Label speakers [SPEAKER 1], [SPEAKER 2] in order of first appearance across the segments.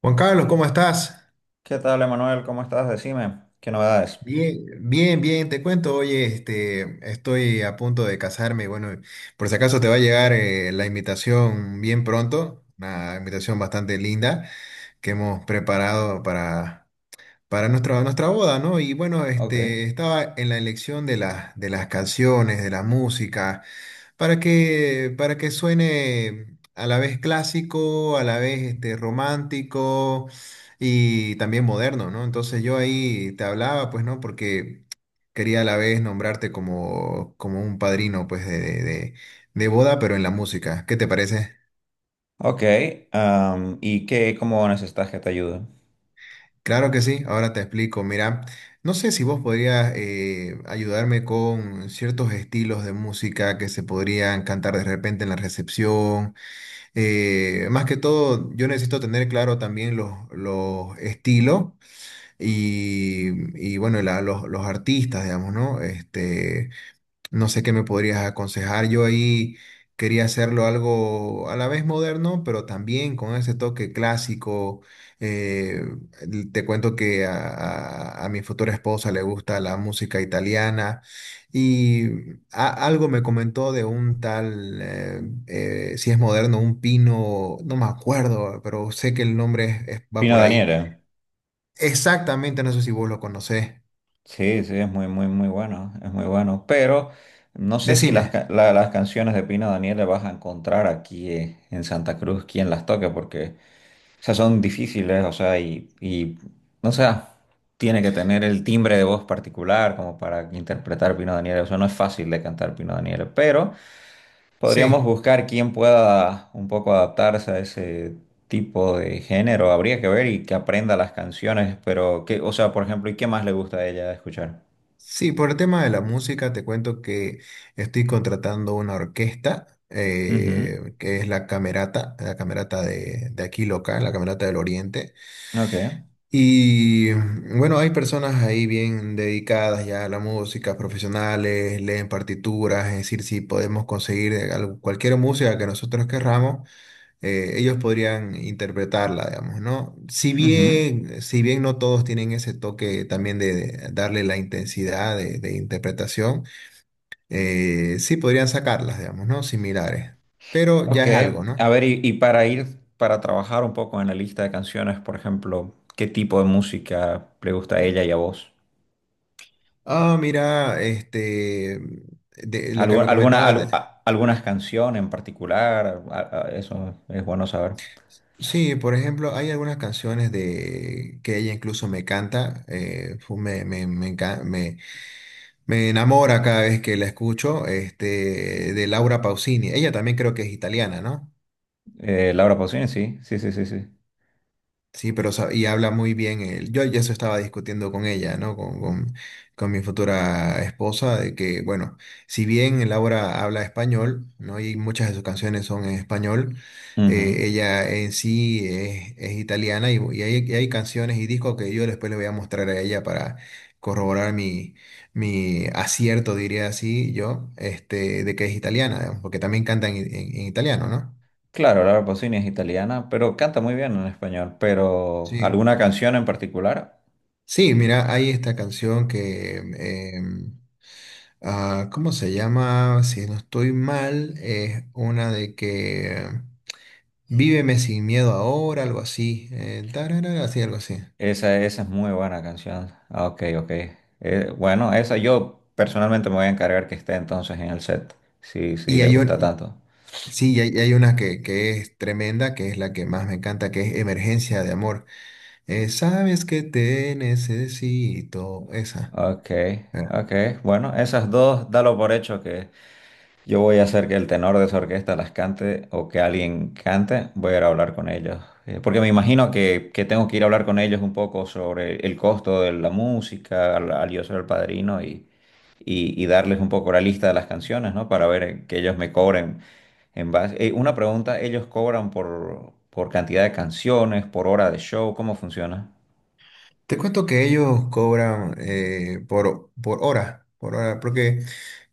[SPEAKER 1] Juan Carlos, ¿cómo estás?
[SPEAKER 2] ¿Qué tal, Emanuel? ¿Cómo estás? Decime, ¿qué novedades?
[SPEAKER 1] Bien, bien, bien, te cuento, oye, estoy a punto de casarme, bueno, por si acaso te va a llegar la invitación bien pronto, una invitación bastante linda que hemos preparado para nuestra boda, ¿no? Y bueno,
[SPEAKER 2] Ok.
[SPEAKER 1] estaba en la elección de de las canciones, de la música. Para que suene a la vez clásico, a la vez romántico y también moderno, ¿no? Entonces yo ahí te hablaba, pues, ¿no? Porque quería a la vez nombrarte como un padrino, pues, de boda, pero en la música. ¿Qué te parece?
[SPEAKER 2] Ok, ¿y qué, cómo necesitas que te ayude?
[SPEAKER 1] Claro que sí, ahora te explico. Mira, no sé si vos podrías ayudarme con ciertos estilos de música que se podrían cantar de repente en la recepción. Más que todo, yo necesito tener claro también los estilos y, bueno, los artistas, digamos, ¿no? Este, no sé qué me podrías aconsejar. Yo ahí quería hacerlo algo a la vez moderno, pero también con ese toque clásico. Eh, te cuento que a mi futura esposa le gusta la música italiana y algo me comentó de un tal, si es moderno, un pino, no me acuerdo, pero sé que el nombre va
[SPEAKER 2] Pino
[SPEAKER 1] por ahí.
[SPEAKER 2] Daniele.
[SPEAKER 1] Exactamente, no sé si vos lo conocés.
[SPEAKER 2] Sí, sí, es muy, muy, muy bueno, es muy bueno. Pero no sé si
[SPEAKER 1] Decime,
[SPEAKER 2] las canciones de Pino Daniele vas a encontrar aquí en Santa Cruz quien las toque, porque, o sea, son difíciles, o sea, o sea, tiene que tener el timbre de voz particular como para interpretar Pino Daniele, o sea, no es fácil de cantar Pino Daniele, pero podríamos
[SPEAKER 1] sí.
[SPEAKER 2] buscar quién pueda un poco adaptarse a ese tipo de género. Habría que ver y que aprenda las canciones, pero qué, o sea, por ejemplo, ¿y qué más le gusta a ella escuchar?
[SPEAKER 1] Sí, por el tema de la música, te cuento que estoy contratando una orquesta,
[SPEAKER 2] Ujú.
[SPEAKER 1] que es la Camerata de aquí local, la Camerata del Oriente.
[SPEAKER 2] Ok.
[SPEAKER 1] Y bueno, hay personas ahí bien dedicadas ya a la música, profesionales, leen partituras, es decir, si podemos conseguir cualquier música que nosotros querramos, ellos podrían interpretarla, digamos, ¿no? Si
[SPEAKER 2] Ujú.
[SPEAKER 1] bien, si bien no todos tienen ese toque también de darle la intensidad de interpretación, sí podrían sacarlas, digamos, ¿no? Similares, pero ya
[SPEAKER 2] Ok.
[SPEAKER 1] es algo, ¿no?
[SPEAKER 2] A ver, para trabajar un poco en la lista de canciones, por ejemplo, ¿qué tipo de música le gusta a ella y a vos?
[SPEAKER 1] Ah, mira, este, de lo que me
[SPEAKER 2] Alguna,
[SPEAKER 1] comentaba,
[SPEAKER 2] algunas canciones en particular? Eso es bueno saber.
[SPEAKER 1] sí, por ejemplo, hay algunas canciones de que ella incluso me canta, me enamora cada vez que la escucho, este, de Laura Pausini. Ella también creo que es italiana, ¿no?
[SPEAKER 2] Laura Pausini, sí, sí, sí, sí,
[SPEAKER 1] Sí, pero y habla muy bien él. Yo ya eso estaba discutiendo con ella, ¿no? Con con mi futura esposa, de que, bueno, si bien Laura habla español, ¿no? Y muchas de sus canciones son en español,
[SPEAKER 2] sí.
[SPEAKER 1] ella en sí es italiana y hay canciones y discos que yo después le voy a mostrar a ella para corroborar mi acierto, diría así yo, este, de que es italiana, digamos, porque también canta en en italiano, ¿no?
[SPEAKER 2] Claro, Laura Pausini es italiana, pero canta muy bien en español. Pero,
[SPEAKER 1] Sí.
[SPEAKER 2] ¿alguna canción en particular?
[SPEAKER 1] Sí, mira, hay esta canción que, ah, ¿cómo se llama? Si no estoy mal, es una de que Víveme sin miedo ahora, algo así, tararara, así, algo así.
[SPEAKER 2] Esa es muy buena canción. Ah, ok, ok. Bueno, esa yo personalmente me voy a encargar que esté entonces en el set, si, si
[SPEAKER 1] Y
[SPEAKER 2] le
[SPEAKER 1] hay,
[SPEAKER 2] gusta tanto.
[SPEAKER 1] sí, y hay una que es tremenda, que es la que más me encanta, que es Emergencia de Amor. Sabes que te necesito, esa.
[SPEAKER 2] Ok, ok. Bueno, esas dos, dalo por hecho. Yo voy a hacer que el tenor de esa orquesta las cante o que alguien cante. Voy a ir a hablar con ellos. Porque me imagino que tengo que ir a hablar con ellos un poco sobre el costo de la música al, al yo ser el padrino y, y darles un poco la lista de las canciones, ¿no? Para ver que ellos me cobren en base. Una pregunta, ¿ellos cobran por cantidad de canciones, por hora de show? ¿Cómo funciona?
[SPEAKER 1] Te cuento que ellos cobran por hora, porque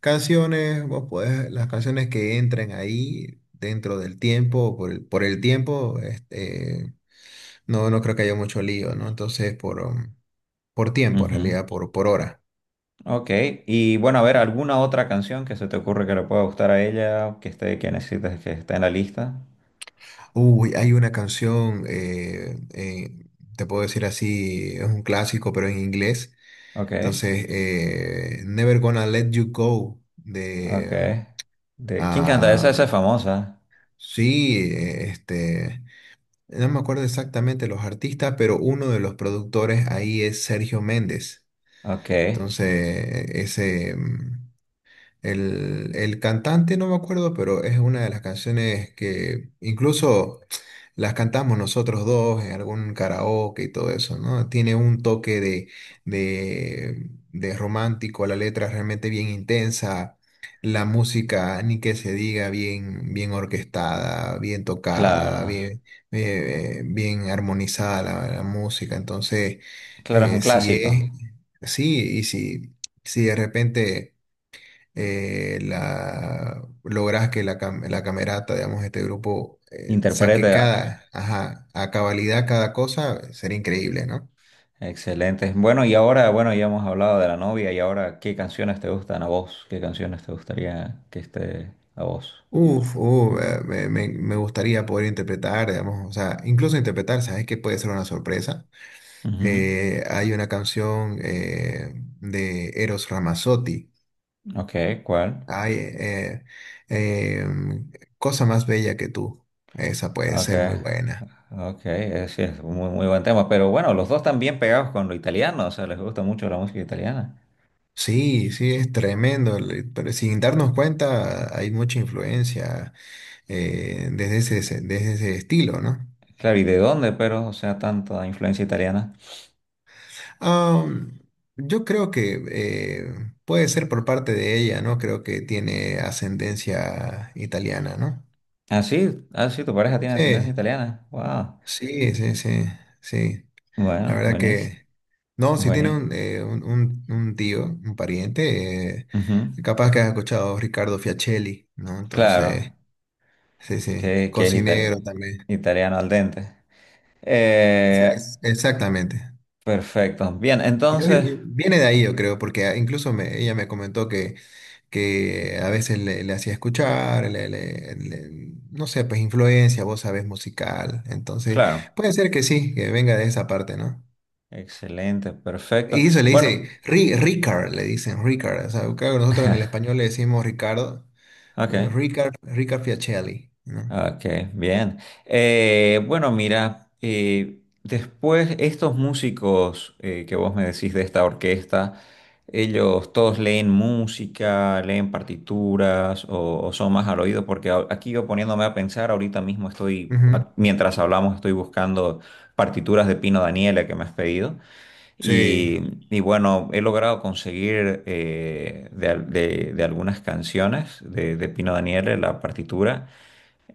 [SPEAKER 1] canciones, las canciones que entren ahí dentro del tiempo, por el tiempo, este, no, no creo que haya mucho lío, ¿no? Entonces, por tiempo, en
[SPEAKER 2] Ujú.
[SPEAKER 1] realidad, por hora.
[SPEAKER 2] Ok, y bueno, a ver, ¿alguna otra canción que se te ocurre que le pueda gustar a ella, que esté, que necesites que esté en la lista?
[SPEAKER 1] Uy, hay una canción, te puedo decir así, es un clásico, pero en inglés.
[SPEAKER 2] Ok,
[SPEAKER 1] Entonces, Never Gonna Let You Go,
[SPEAKER 2] ok.
[SPEAKER 1] de...
[SPEAKER 2] ¿De quién canta esa? Esa es famosa.
[SPEAKER 1] Sí, este, no me acuerdo exactamente los artistas, pero uno de los productores ahí es Sergio Méndez.
[SPEAKER 2] Ok,
[SPEAKER 1] Entonces, ese, mm, el cantante no me acuerdo, pero es una de las canciones que incluso las cantamos nosotros dos en algún karaoke y todo eso, ¿no? Tiene un toque de romántico, la letra es realmente bien intensa, la música, ni que se diga, bien, bien orquestada, bien
[SPEAKER 2] claro,
[SPEAKER 1] tocada, bien, bien armonizada la música. Entonces,
[SPEAKER 2] claro, es un
[SPEAKER 1] eh, si
[SPEAKER 2] clásico.
[SPEAKER 1] es, sí, y si, si de repente la, logras que la, cam- la camerata, digamos, este grupo saque
[SPEAKER 2] Interpreta,
[SPEAKER 1] cada, ajá, a cabalidad cada cosa, sería increíble, ¿no?
[SPEAKER 2] excelente. Bueno, y ahora, bueno, ya hemos hablado de la novia y ahora, ¿qué canciones te gustan a vos? ¿Qué canciones te gustaría que esté a vos?
[SPEAKER 1] Me gustaría poder interpretar, digamos, o sea, incluso interpretar, ¿sabes que puede ser una sorpresa?
[SPEAKER 2] Ujú.
[SPEAKER 1] Hay una canción de Eros Ramazzotti,
[SPEAKER 2] Ok, ¿cuál?
[SPEAKER 1] hay eh, eh, em, Cosa más bella que tú, esa puede
[SPEAKER 2] Ok.
[SPEAKER 1] ser muy buena.
[SPEAKER 2] Ok, sí, es un muy, muy buen tema, pero bueno, los dos están bien pegados con lo italiano, o sea, les gusta mucho la música italiana.
[SPEAKER 1] Sí, sí, es tremendo, pero sin darnos cuenta hay mucha influencia desde ese estilo, ¿no?
[SPEAKER 2] Claro, ¿y de dónde, pero, o sea, tanta influencia italiana?
[SPEAKER 1] Am, yo creo que puede ser por parte de ella, ¿no? Creo que tiene ascendencia italiana, ¿no?
[SPEAKER 2] Ah, sí, ah, sí, tu pareja tiene ascendencia
[SPEAKER 1] Sí,
[SPEAKER 2] italiana. Wow.
[SPEAKER 1] sí, sí, sí, sí. La
[SPEAKER 2] Bueno,
[SPEAKER 1] verdad
[SPEAKER 2] buenísimo,
[SPEAKER 1] que, no, si tiene
[SPEAKER 2] buenísimo.
[SPEAKER 1] un, un tío, un pariente, capaz que has escuchado Ricardo Fiacelli, ¿no? Entonces...
[SPEAKER 2] Claro,
[SPEAKER 1] Sí, sí,
[SPEAKER 2] que,
[SPEAKER 1] cocinero también.
[SPEAKER 2] italiano al dente. Eh,
[SPEAKER 1] Exactamente.
[SPEAKER 2] perfecto, bien, entonces,
[SPEAKER 1] Viene de ahí, yo creo, porque ah, ella me comentó que a veces le hacía escuchar, no sé, pues influencia, vos sabés, musical. Entonces,
[SPEAKER 2] claro,
[SPEAKER 1] puede ser que sí, que venga de esa parte, ¿no?
[SPEAKER 2] excelente, perfecto.
[SPEAKER 1] Y eso le
[SPEAKER 2] Bueno,
[SPEAKER 1] dice, Ricard, le dicen, Ricard. O sea, claro, nosotros en el español le decimos Ricardo,
[SPEAKER 2] ok,
[SPEAKER 1] Ricard, Ricard Fiacelli, ¿no?
[SPEAKER 2] okay, bien. Bueno, mira, después estos músicos que vos me decís de esta orquesta, ellos todos leen música, leen partituras o son más al oído, porque aquí yo poniéndome a pensar, ahorita mismo estoy,
[SPEAKER 1] Ujú.
[SPEAKER 2] mientras hablamos, estoy buscando partituras de Pino Daniele que me has pedido
[SPEAKER 1] Sí,
[SPEAKER 2] y, y bueno, he logrado conseguir de, de algunas canciones de Pino Daniele la partitura.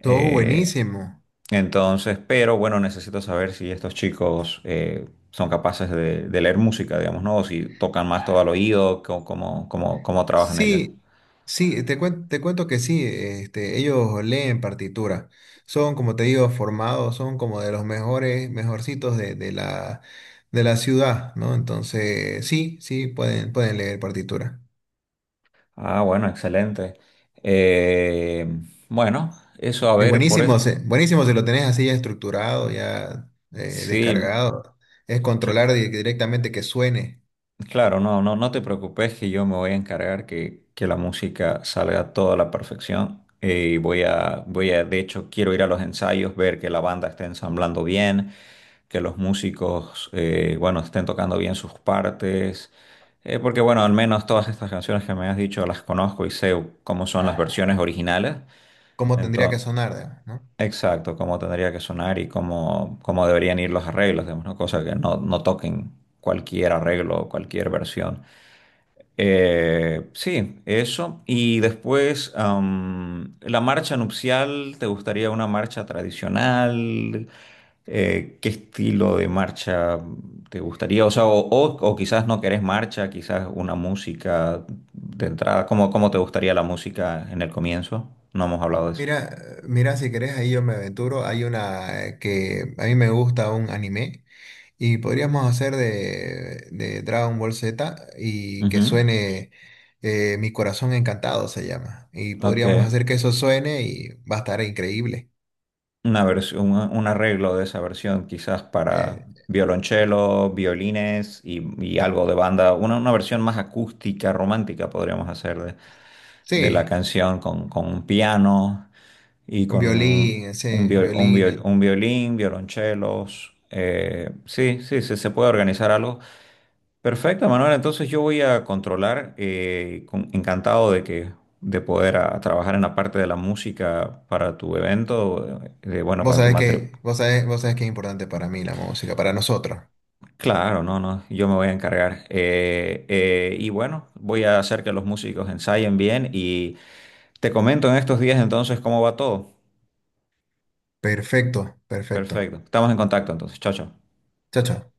[SPEAKER 1] todo buenísimo.
[SPEAKER 2] entonces, pero bueno, necesito saber si estos chicos son capaces de leer música, digamos, ¿no? O si tocan más todo al oído, cómo, cómo, cómo trabajan ellas.
[SPEAKER 1] Sí, sí, te cuento que sí, este, ellos leen partitura, son como te digo, formados, son como de los mejores, mejorcitos de la ciudad, ¿no? Entonces, sí, sí, pueden, pueden leer partitura.
[SPEAKER 2] Ah, bueno, excelente. Eh, bueno, eso a
[SPEAKER 1] Y
[SPEAKER 2] ver, por eso,
[SPEAKER 1] buenísimo, buenísimo si lo tenés así ya estructurado, ya
[SPEAKER 2] sí,
[SPEAKER 1] descargado, es
[SPEAKER 2] cl-
[SPEAKER 1] controlar directamente que suene,
[SPEAKER 2] claro, no, no, no te preocupes que yo me voy a encargar que la música salga a toda la perfección. Y voy a, voy a, de hecho, quiero ir a los ensayos, ver que la banda esté ensamblando bien, que los músicos, bueno, estén tocando bien sus partes, porque bueno, al menos todas estas canciones que me has dicho las conozco y sé cómo son las, claro, versiones originales,
[SPEAKER 1] cómo tendría que
[SPEAKER 2] entonces,
[SPEAKER 1] sonar, digamos, ¿no?
[SPEAKER 2] exacto, cómo tendría que sonar y cómo, cómo deberían ir los arreglos, digamos, ¿no? Cosa que no, no toquen cualquier arreglo o cualquier versión. Sí, eso. Y después, la marcha nupcial, ¿te gustaría una marcha tradicional? ¿Qué estilo de marcha te gustaría? O sea, o quizás no querés marcha, quizás una música de entrada. ¿Cómo, cómo te gustaría la música en el comienzo? No hemos hablado de eso.
[SPEAKER 1] Mira, mira, si querés, ahí yo me aventuro, hay una que a mí me gusta un anime. Y podríamos hacer de Dragon Ball Z y que
[SPEAKER 2] Ujú.
[SPEAKER 1] suene Mi Corazón Encantado se llama. Y
[SPEAKER 2] Ok.
[SPEAKER 1] podríamos hacer que eso suene y va a estar increíble.
[SPEAKER 2] Una versión, un arreglo de esa versión, quizás para
[SPEAKER 1] Eh,
[SPEAKER 2] violonchelo, violines y algo de banda, una versión más acústica, romántica podríamos hacer de la
[SPEAKER 1] sí,
[SPEAKER 2] canción con un piano y
[SPEAKER 1] un
[SPEAKER 2] con un,
[SPEAKER 1] violín, sí, violines.
[SPEAKER 2] un violín, violonchelos. Eh, sí, sí, sí, se puede organizar algo. Perfecto, Manuel. Entonces yo voy a controlar, encantado de que de poder trabajar en la parte de la música para tu evento, bueno, para tu matrimonio.
[SPEAKER 1] Vos sabés que es importante para mí la música, para nosotros.
[SPEAKER 2] Claro, no, no, yo me voy a encargar. Y bueno, voy a hacer que los músicos ensayen bien y te comento en estos días entonces cómo va todo.
[SPEAKER 1] Perfecto, perfecto.
[SPEAKER 2] Perfecto, estamos en contacto entonces. Chao, chao.
[SPEAKER 1] Chao, chao.